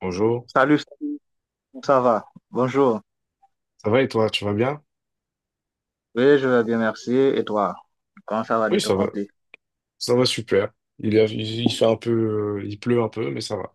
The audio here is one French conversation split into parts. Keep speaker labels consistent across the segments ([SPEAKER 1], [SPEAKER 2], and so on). [SPEAKER 1] Bonjour,
[SPEAKER 2] Salut, salut, comment ça va? Bonjour.
[SPEAKER 1] ça va? Et toi, tu vas bien?
[SPEAKER 2] Oui, je vais bien, merci. Et toi? Comment ça va
[SPEAKER 1] Oui,
[SPEAKER 2] de ton côté?
[SPEAKER 1] ça va super. Il fait un peu, il pleut un peu, mais ça va.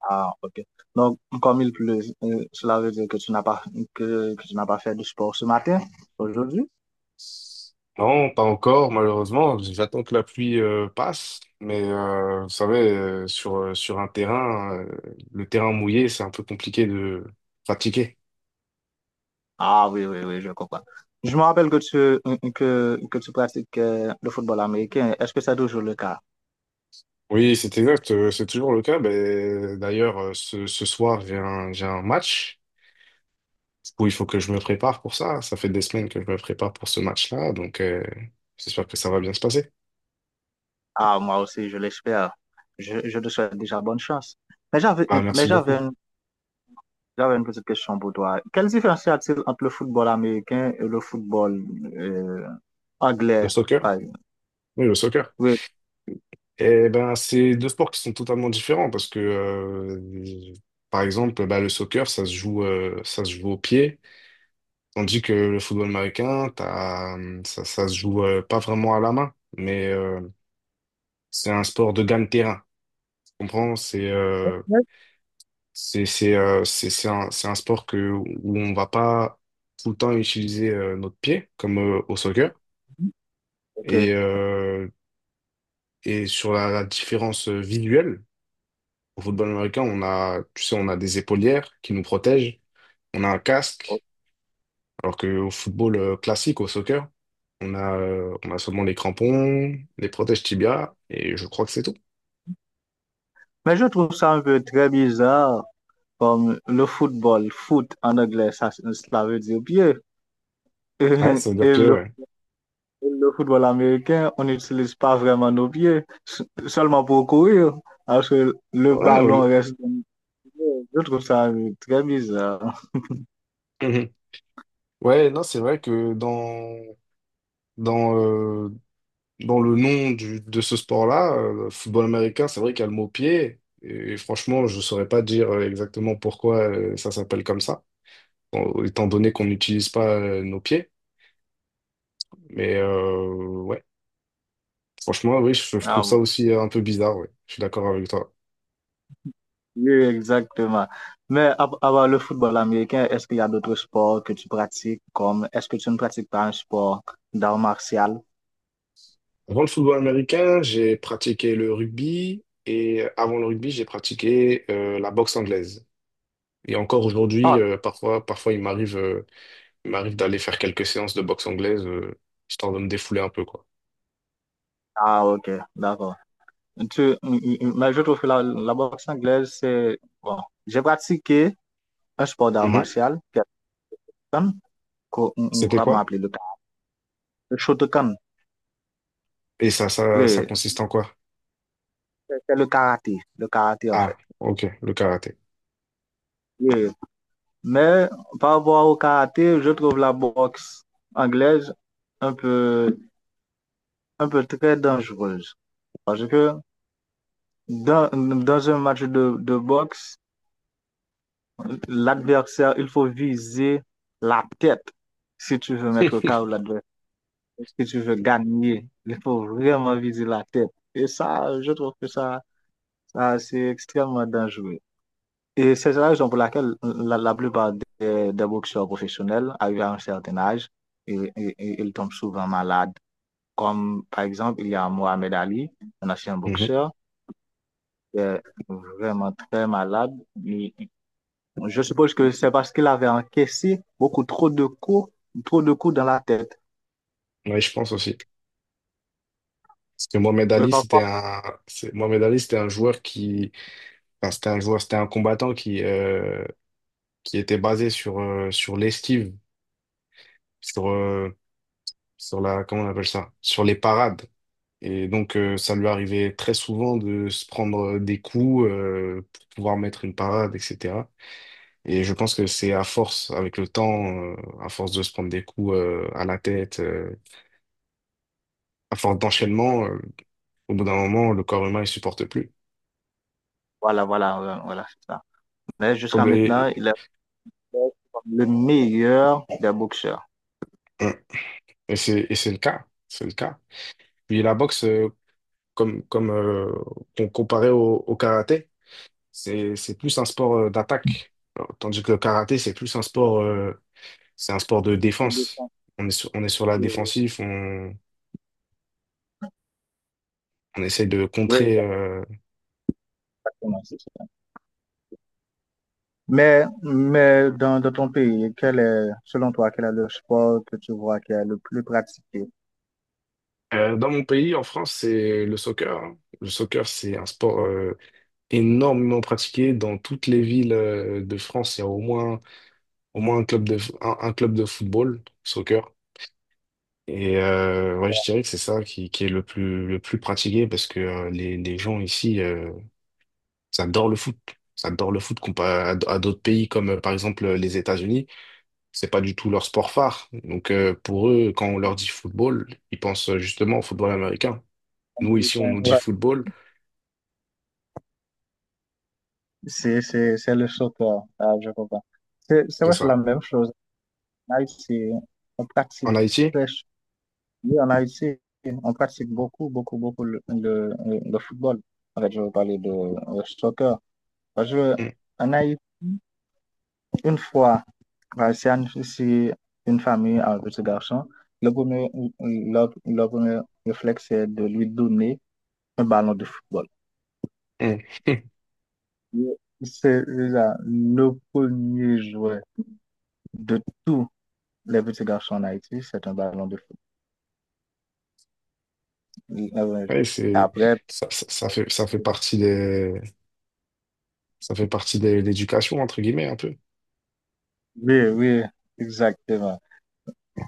[SPEAKER 2] Ah, ok. Donc, comme il pleut, cela veut dire que tu n'as pas fait de sport ce matin, aujourd'hui?
[SPEAKER 1] Non, pas encore, malheureusement. J'attends que la pluie passe, mais vous savez, sur un terrain, le terrain mouillé, c'est un peu compliqué de pratiquer.
[SPEAKER 2] Ah oui, oui, oui, je comprends. Je me rappelle que tu pratiques le football américain. Est-ce que c'est toujours le cas?
[SPEAKER 1] Oui, c'est exact, c'est toujours le cas. Ben, d'ailleurs, ce soir, j'ai un match. Du coup, il faut que je me prépare pour ça. Ça fait des semaines que je me prépare pour ce match-là, donc j'espère que ça va bien se passer.
[SPEAKER 2] Ah, moi aussi, je l'espère. Je te souhaite déjà bonne chance. Mais j'avais,
[SPEAKER 1] Ah,
[SPEAKER 2] mais
[SPEAKER 1] merci beaucoup.
[SPEAKER 2] j'avais J'avais une petite question pour toi. Quelle différence y a-t-il entre le football américain et le football euh,
[SPEAKER 1] Le
[SPEAKER 2] anglais,
[SPEAKER 1] soccer?
[SPEAKER 2] par exemple?
[SPEAKER 1] Oui, le soccer.
[SPEAKER 2] Oui,
[SPEAKER 1] Eh ben, c'est deux sports qui sont totalement différents parce que, par exemple, bah, le soccer, ça se joue au pied, tandis que le football américain, t'as, ça se joue pas vraiment à la main, mais c'est un sport de gagne-terrain. Tu comprends? C'est un sport que où on va pas tout le temps utiliser notre pied comme au soccer.
[SPEAKER 2] ok.
[SPEAKER 1] Et sur la différence visuelle. Au football américain, on a, tu sais, on a des épaulières qui nous protègent, on a un casque, alors qu'au football classique, au soccer, on a seulement les crampons, les protèges tibias, et je crois que c'est tout.
[SPEAKER 2] Mais je trouve ça un peu très bizarre, comme le football, foot en anglais, ça, cela veut dire pied.
[SPEAKER 1] Ouais, ça veut dire
[SPEAKER 2] Et,
[SPEAKER 1] pied,
[SPEAKER 2] le,
[SPEAKER 1] ouais.
[SPEAKER 2] le football américain, on n'utilise pas vraiment nos pieds, seulement pour courir, alors que le
[SPEAKER 1] Ouais, au
[SPEAKER 2] ballon
[SPEAKER 1] lieu-
[SPEAKER 2] reste dans nos pieds. Je trouve ça très bizarre.
[SPEAKER 1] Mhm. Ouais, non, c'est vrai que dans, euh, dans le nom de ce sport-là, le football américain, c'est vrai qu'il y a le mot pied, et franchement, je saurais pas dire exactement pourquoi ça s'appelle comme ça, étant donné qu'on n'utilise pas nos pieds. Mais euh, ouais, Franchement, oui, je trouve
[SPEAKER 2] Ah
[SPEAKER 1] ça
[SPEAKER 2] bon.
[SPEAKER 1] aussi un peu bizarre, ouais. Je suis d'accord avec toi.
[SPEAKER 2] Oui, exactement. Mais à part le football américain, est-ce qu'il y a d'autres sports que tu pratiques comme est-ce que tu ne pratiques pas un sport d'art martial?
[SPEAKER 1] Avant le football américain, j'ai pratiqué le rugby et avant le rugby, j'ai pratiqué la boxe anglaise. Et encore aujourd'hui,
[SPEAKER 2] Ah,
[SPEAKER 1] parfois, il m'arrive d'aller faire quelques séances de boxe anglaise, histoire de me défouler un peu, quoi.
[SPEAKER 2] Ah, ok, d'accord. Tu, mais je trouve que la boxe anglaise, c'est bon. J'ai pratiqué un sport d'art
[SPEAKER 1] Mhm.
[SPEAKER 2] martial, qui est le Shotokan, qu'on
[SPEAKER 1] C'était
[SPEAKER 2] comment
[SPEAKER 1] quoi?
[SPEAKER 2] appeler le Shotokan.
[SPEAKER 1] Ça
[SPEAKER 2] Oui,
[SPEAKER 1] consiste en quoi?
[SPEAKER 2] c'est le karaté en
[SPEAKER 1] Ah,
[SPEAKER 2] fait.
[SPEAKER 1] ok, le karaté.
[SPEAKER 2] Oui, mais par rapport au karaté, je trouve la boxe anglaise un peu. Un peu très dangereuse. Parce que dans un match de boxe, l'adversaire, il faut viser la tête si tu veux mettre KO l'adversaire. Si tu veux gagner, il faut vraiment viser la tête. Et ça, je trouve que ça c'est extrêmement dangereux. Et c'est la raison pour laquelle la plupart des boxeurs professionnels arrivent à un certain âge et ils tombent souvent malades. Comme par exemple, il y a Mohamed Ali, un ancien
[SPEAKER 1] Mhm.
[SPEAKER 2] boxeur, était vraiment très malade. Et je suppose que c'est parce qu'il avait encaissé beaucoup trop de coups dans la tête.
[SPEAKER 1] Ouais, je pense aussi. Parce que Mohamed
[SPEAKER 2] Oui,
[SPEAKER 1] Ali, c'était
[SPEAKER 2] parfois,
[SPEAKER 1] un, c'est- Mohamed Ali, c'était un joueur qui... Enfin, c'était un joueur, c'était un combattant qui était basé sur l'esquive, sur, euh, sur la, comment on appelle ça? Sur les parades. Et donc, ça lui arrivait très souvent de se prendre des coups, pour pouvoir mettre une parade, etc. Et je pense que c'est à force, avec le temps, à force de se prendre des coups, à la tête, à force d'enchaînement, au bout d'un moment, le corps humain, il supporte plus.
[SPEAKER 2] voilà, voilà, voilà, c'est ça. Mais
[SPEAKER 1] Donc,
[SPEAKER 2] jusqu'à maintenant,
[SPEAKER 1] Et,
[SPEAKER 2] il est le meilleur des boxeurs.
[SPEAKER 1] et c'est, et c'est le cas. C'est le cas. Puis la boxe, comme comparé au, au karaté, c'est plus un sport d'attaque, alors, tandis que le karaté, c'est plus un sport, c'est un sport de défense. On est sur la défensive, on essaie de
[SPEAKER 2] Oui,
[SPEAKER 1] contrer.
[SPEAKER 2] exactement, c'est ça. Mais dans ton pays, quel est, selon toi, quel est le sport que tu vois qui est le plus pratiqué?
[SPEAKER 1] Dans mon pays, en France, c'est le soccer, hein. Le soccer, c'est un sport énormément pratiqué dans toutes les villes de France. Il y a au moins, Au moins un un club de football, soccer. Et ouais, je dirais que c'est ça qui est le plus pratiqué parce que les gens ici, ça adore le foot. Ça adore le foot comparé à d'autres pays comme par exemple les États-Unis. C'est pas du tout leur sport phare. Donc pour eux, quand on leur dit football, ils pensent justement au football américain. Nous ici, on nous dit
[SPEAKER 2] Ouais.
[SPEAKER 1] football.
[SPEAKER 2] C'est le soccer. Ah, je comprends. C'est
[SPEAKER 1] C'est
[SPEAKER 2] vrai, c'est la
[SPEAKER 1] ça.
[SPEAKER 2] même chose. En Haïti, on
[SPEAKER 1] En
[SPEAKER 2] pratique
[SPEAKER 1] Haïti,
[SPEAKER 2] presque, oui, en Haïti, on pratique beaucoup, beaucoup, beaucoup le football. En fait, je veux parler de soccer. Parce que,
[SPEAKER 1] hum,
[SPEAKER 2] en Haïti, une fois, bah, c'est une famille un petit garçon. Le premier, le premier réflexe, c'est de lui donner un ballon de football.
[SPEAKER 1] hum,
[SPEAKER 2] C'est là, le premier jouet de tous les petits garçons en Haïti, c'est un ballon de football.
[SPEAKER 1] Ouais, c'est,
[SPEAKER 2] Après,
[SPEAKER 1] ça fait partie des, ça fait partie de l'éducation, entre guillemets, un peu.
[SPEAKER 2] oui, oui, exactement.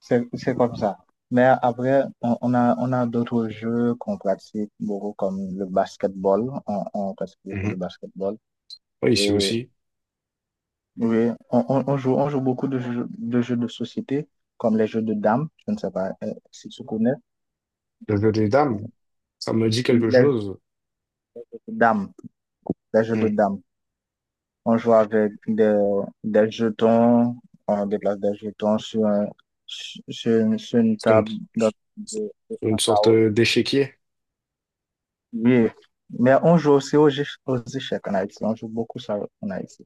[SPEAKER 2] C'est comme ça. Mais après, on a d'autres jeux qu'on pratique beaucoup, comme le basketball. On pratique beaucoup le
[SPEAKER 1] Mhm.
[SPEAKER 2] basketball.
[SPEAKER 1] Oui, ici
[SPEAKER 2] Et,
[SPEAKER 1] aussi.
[SPEAKER 2] oui, on joue beaucoup de jeux, de jeux de société, comme les jeux de dames. Je ne sais pas si tu connais.
[SPEAKER 1] Le jeu des dames, ça me dit quelque
[SPEAKER 2] Les jeux
[SPEAKER 1] chose.
[SPEAKER 2] de dames. Les jeux de
[SPEAKER 1] Hmm.
[SPEAKER 2] dames. On joue avec des jetons. On déplace des jetons sur, un- sur, sur une
[SPEAKER 1] C'est une,
[SPEAKER 2] table
[SPEAKER 1] c'est
[SPEAKER 2] de,
[SPEAKER 1] une
[SPEAKER 2] un
[SPEAKER 1] sorte
[SPEAKER 2] carreau.
[SPEAKER 1] d'échiquier
[SPEAKER 2] Oui, mais on joue aussi aux échecs en Haïti. On joue beaucoup ça en Haïti.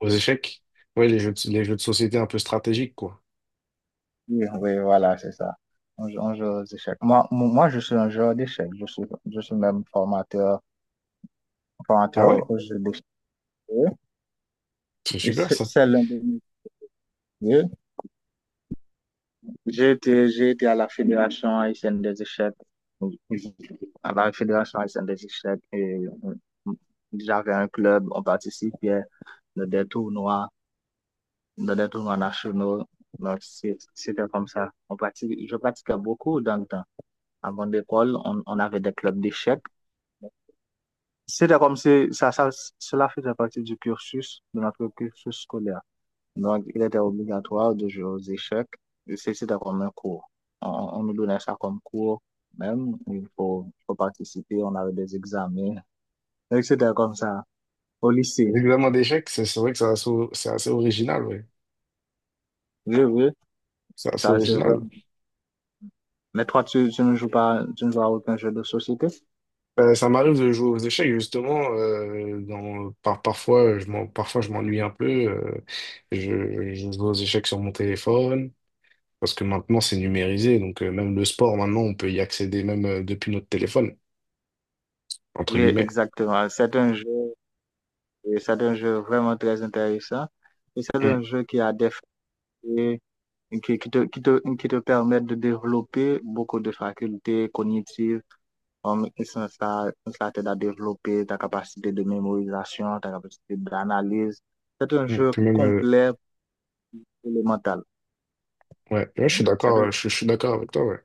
[SPEAKER 1] aux échecs. Ouais, les jeux de société un peu stratégiques, quoi.
[SPEAKER 2] Oui, oui, voilà, c'est ça. On joue aux échecs. Moi, je suis un joueur d'échecs. Je suis même formateur,
[SPEAKER 1] Ah ouais,
[SPEAKER 2] formateur aux jeux d'échecs.
[SPEAKER 1] c'est
[SPEAKER 2] Et
[SPEAKER 1] super
[SPEAKER 2] c'est
[SPEAKER 1] ça.
[SPEAKER 2] c'est l'un de mes métiers. J'ai été à la Fédération haïtienne des échecs. À la Fédération haïtienne des échecs. Et euh, j'avais un club, on participait à des tournois. Dans des tournois nationaux. Donc, c'était comme ça. On pratique, je pratiquais beaucoup dans le temps. Avant l'école, on avait des clubs d'échecs. C'était comme si cela faisait partie du cursus, de notre cursus scolaire. Donc, il était obligatoire de jouer aux échecs. C'était comme un cours. On, on nous donnait ça comme cours. Même, faut participer, on avait des examens. Donc, c'était comme ça. Au lycée,
[SPEAKER 1] L'examen d'échecs, c'est vrai que c'est assez original, ouais.
[SPEAKER 2] je veux,
[SPEAKER 1] C'est assez
[SPEAKER 2] ça c'est vrai.
[SPEAKER 1] original.
[SPEAKER 2] Mais toi, tu ne joues pas, tu ne joues à aucun jeu de société?
[SPEAKER 1] Ça m'arrive de jouer aux échecs, justement. Dans, par, parfois, je m'en, Parfois, je m'ennuie un peu. Je joue aux échecs sur mon téléphone. Parce que maintenant, c'est numérisé. Donc, même le sport, maintenant, on peut y accéder même depuis notre téléphone, entre
[SPEAKER 2] Oui,
[SPEAKER 1] guillemets.
[SPEAKER 2] exactement. C'est un jeu, oui, c'est un jeu vraiment très intéressant. Et c'est
[SPEAKER 1] Mm,
[SPEAKER 2] un jeu qui a des facultés, qui te permettent de développer beaucoup de facultés cognitives. Comme ça, ça t'aide à développer ta capacité de mémorisation, ta capacité d'analyse. C'est un
[SPEAKER 1] mm.
[SPEAKER 2] jeu
[SPEAKER 1] Puis même,
[SPEAKER 2] complet pour le mental.
[SPEAKER 1] ouais, je suis
[SPEAKER 2] C'est
[SPEAKER 1] d'accord,
[SPEAKER 2] un-
[SPEAKER 1] je suis d'accord avec toi, ouais,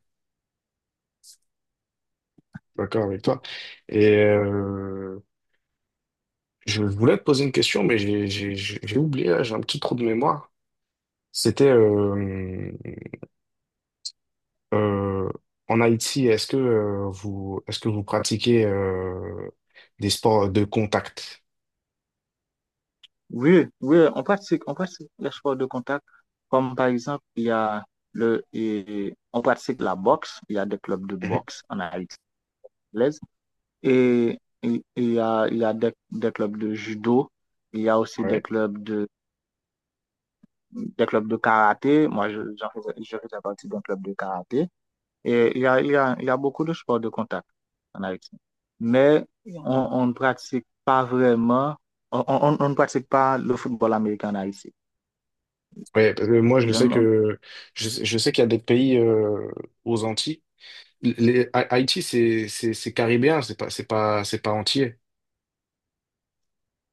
[SPEAKER 1] d'accord avec toi. Et je voulais te poser une question, mais j'ai oublié, là, j'ai un petit trou de mémoire. C'était euh, En Haïti, est-ce que est-ce que vous pratiquez des sports de contact?
[SPEAKER 2] oui, oui, on pratique les sports de contact. Comme par exemple, il y a on pratique la boxe. Il y a des clubs de
[SPEAKER 1] Mhm.
[SPEAKER 2] boxe en Haïti. Anglaise. Et il y a des clubs de judo, il y a aussi
[SPEAKER 1] Ouais.
[SPEAKER 2] des clubs de karaté. Moi, j'en faisais- je faisais partie d'un club de karaté. Et il y a, il y a, il y a beaucoup de sports de contact en Haïti. Mais on ne pratique pas le football américain en Haïti.
[SPEAKER 1] Ouais, parce que moi je
[SPEAKER 2] Je
[SPEAKER 1] sais
[SPEAKER 2] ne-
[SPEAKER 1] que je sais qu'il y a des pays aux Antilles. Haïti c'est c'est caribéen, c'est pas c'est pas c'est pas entier.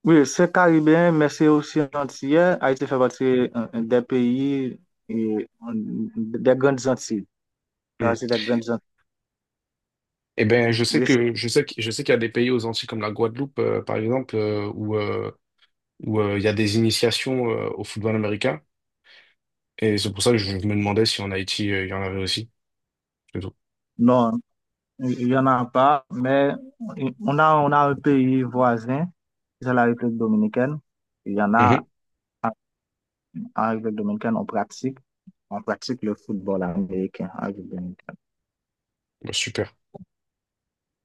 [SPEAKER 2] oui, c'est caribéen, mais c'est aussi antillais. Haïti fait partie des pays, et, euh, des grandes Antilles. Ça,
[SPEAKER 1] Mm.
[SPEAKER 2] c'est des grandes Antilles.
[SPEAKER 1] Eh ben,
[SPEAKER 2] Oui,
[SPEAKER 1] je sais qu'il y a des pays aux Antilles comme la Guadeloupe, par exemple, où où il y a des initiations au football américain. Et c'est pour ça que je me demandais si en Haïti il y en avait aussi. C'est tout.
[SPEAKER 2] non, il n'y en a pas, mais on a un pays voisin, c'est la République dominicaine. Il y en a
[SPEAKER 1] Mhm.
[SPEAKER 2] en République dominicaine, on pratique le football américain en République dominicaine.
[SPEAKER 1] Bah, super.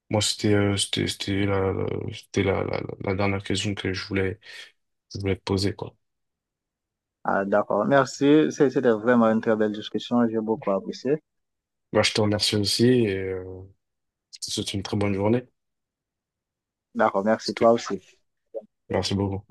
[SPEAKER 1] Moi, c'était la dernière question que je voulais te poser, quoi.
[SPEAKER 2] Ah, d'accord, merci. C'était vraiment une très belle discussion, j'ai beaucoup apprécié.
[SPEAKER 1] Bah, je te remercie aussi et je te souhaite une très bonne journée.
[SPEAKER 2] D'accord,
[SPEAKER 1] Parce
[SPEAKER 2] merci
[SPEAKER 1] que...
[SPEAKER 2] toi aussi.
[SPEAKER 1] Merci beaucoup.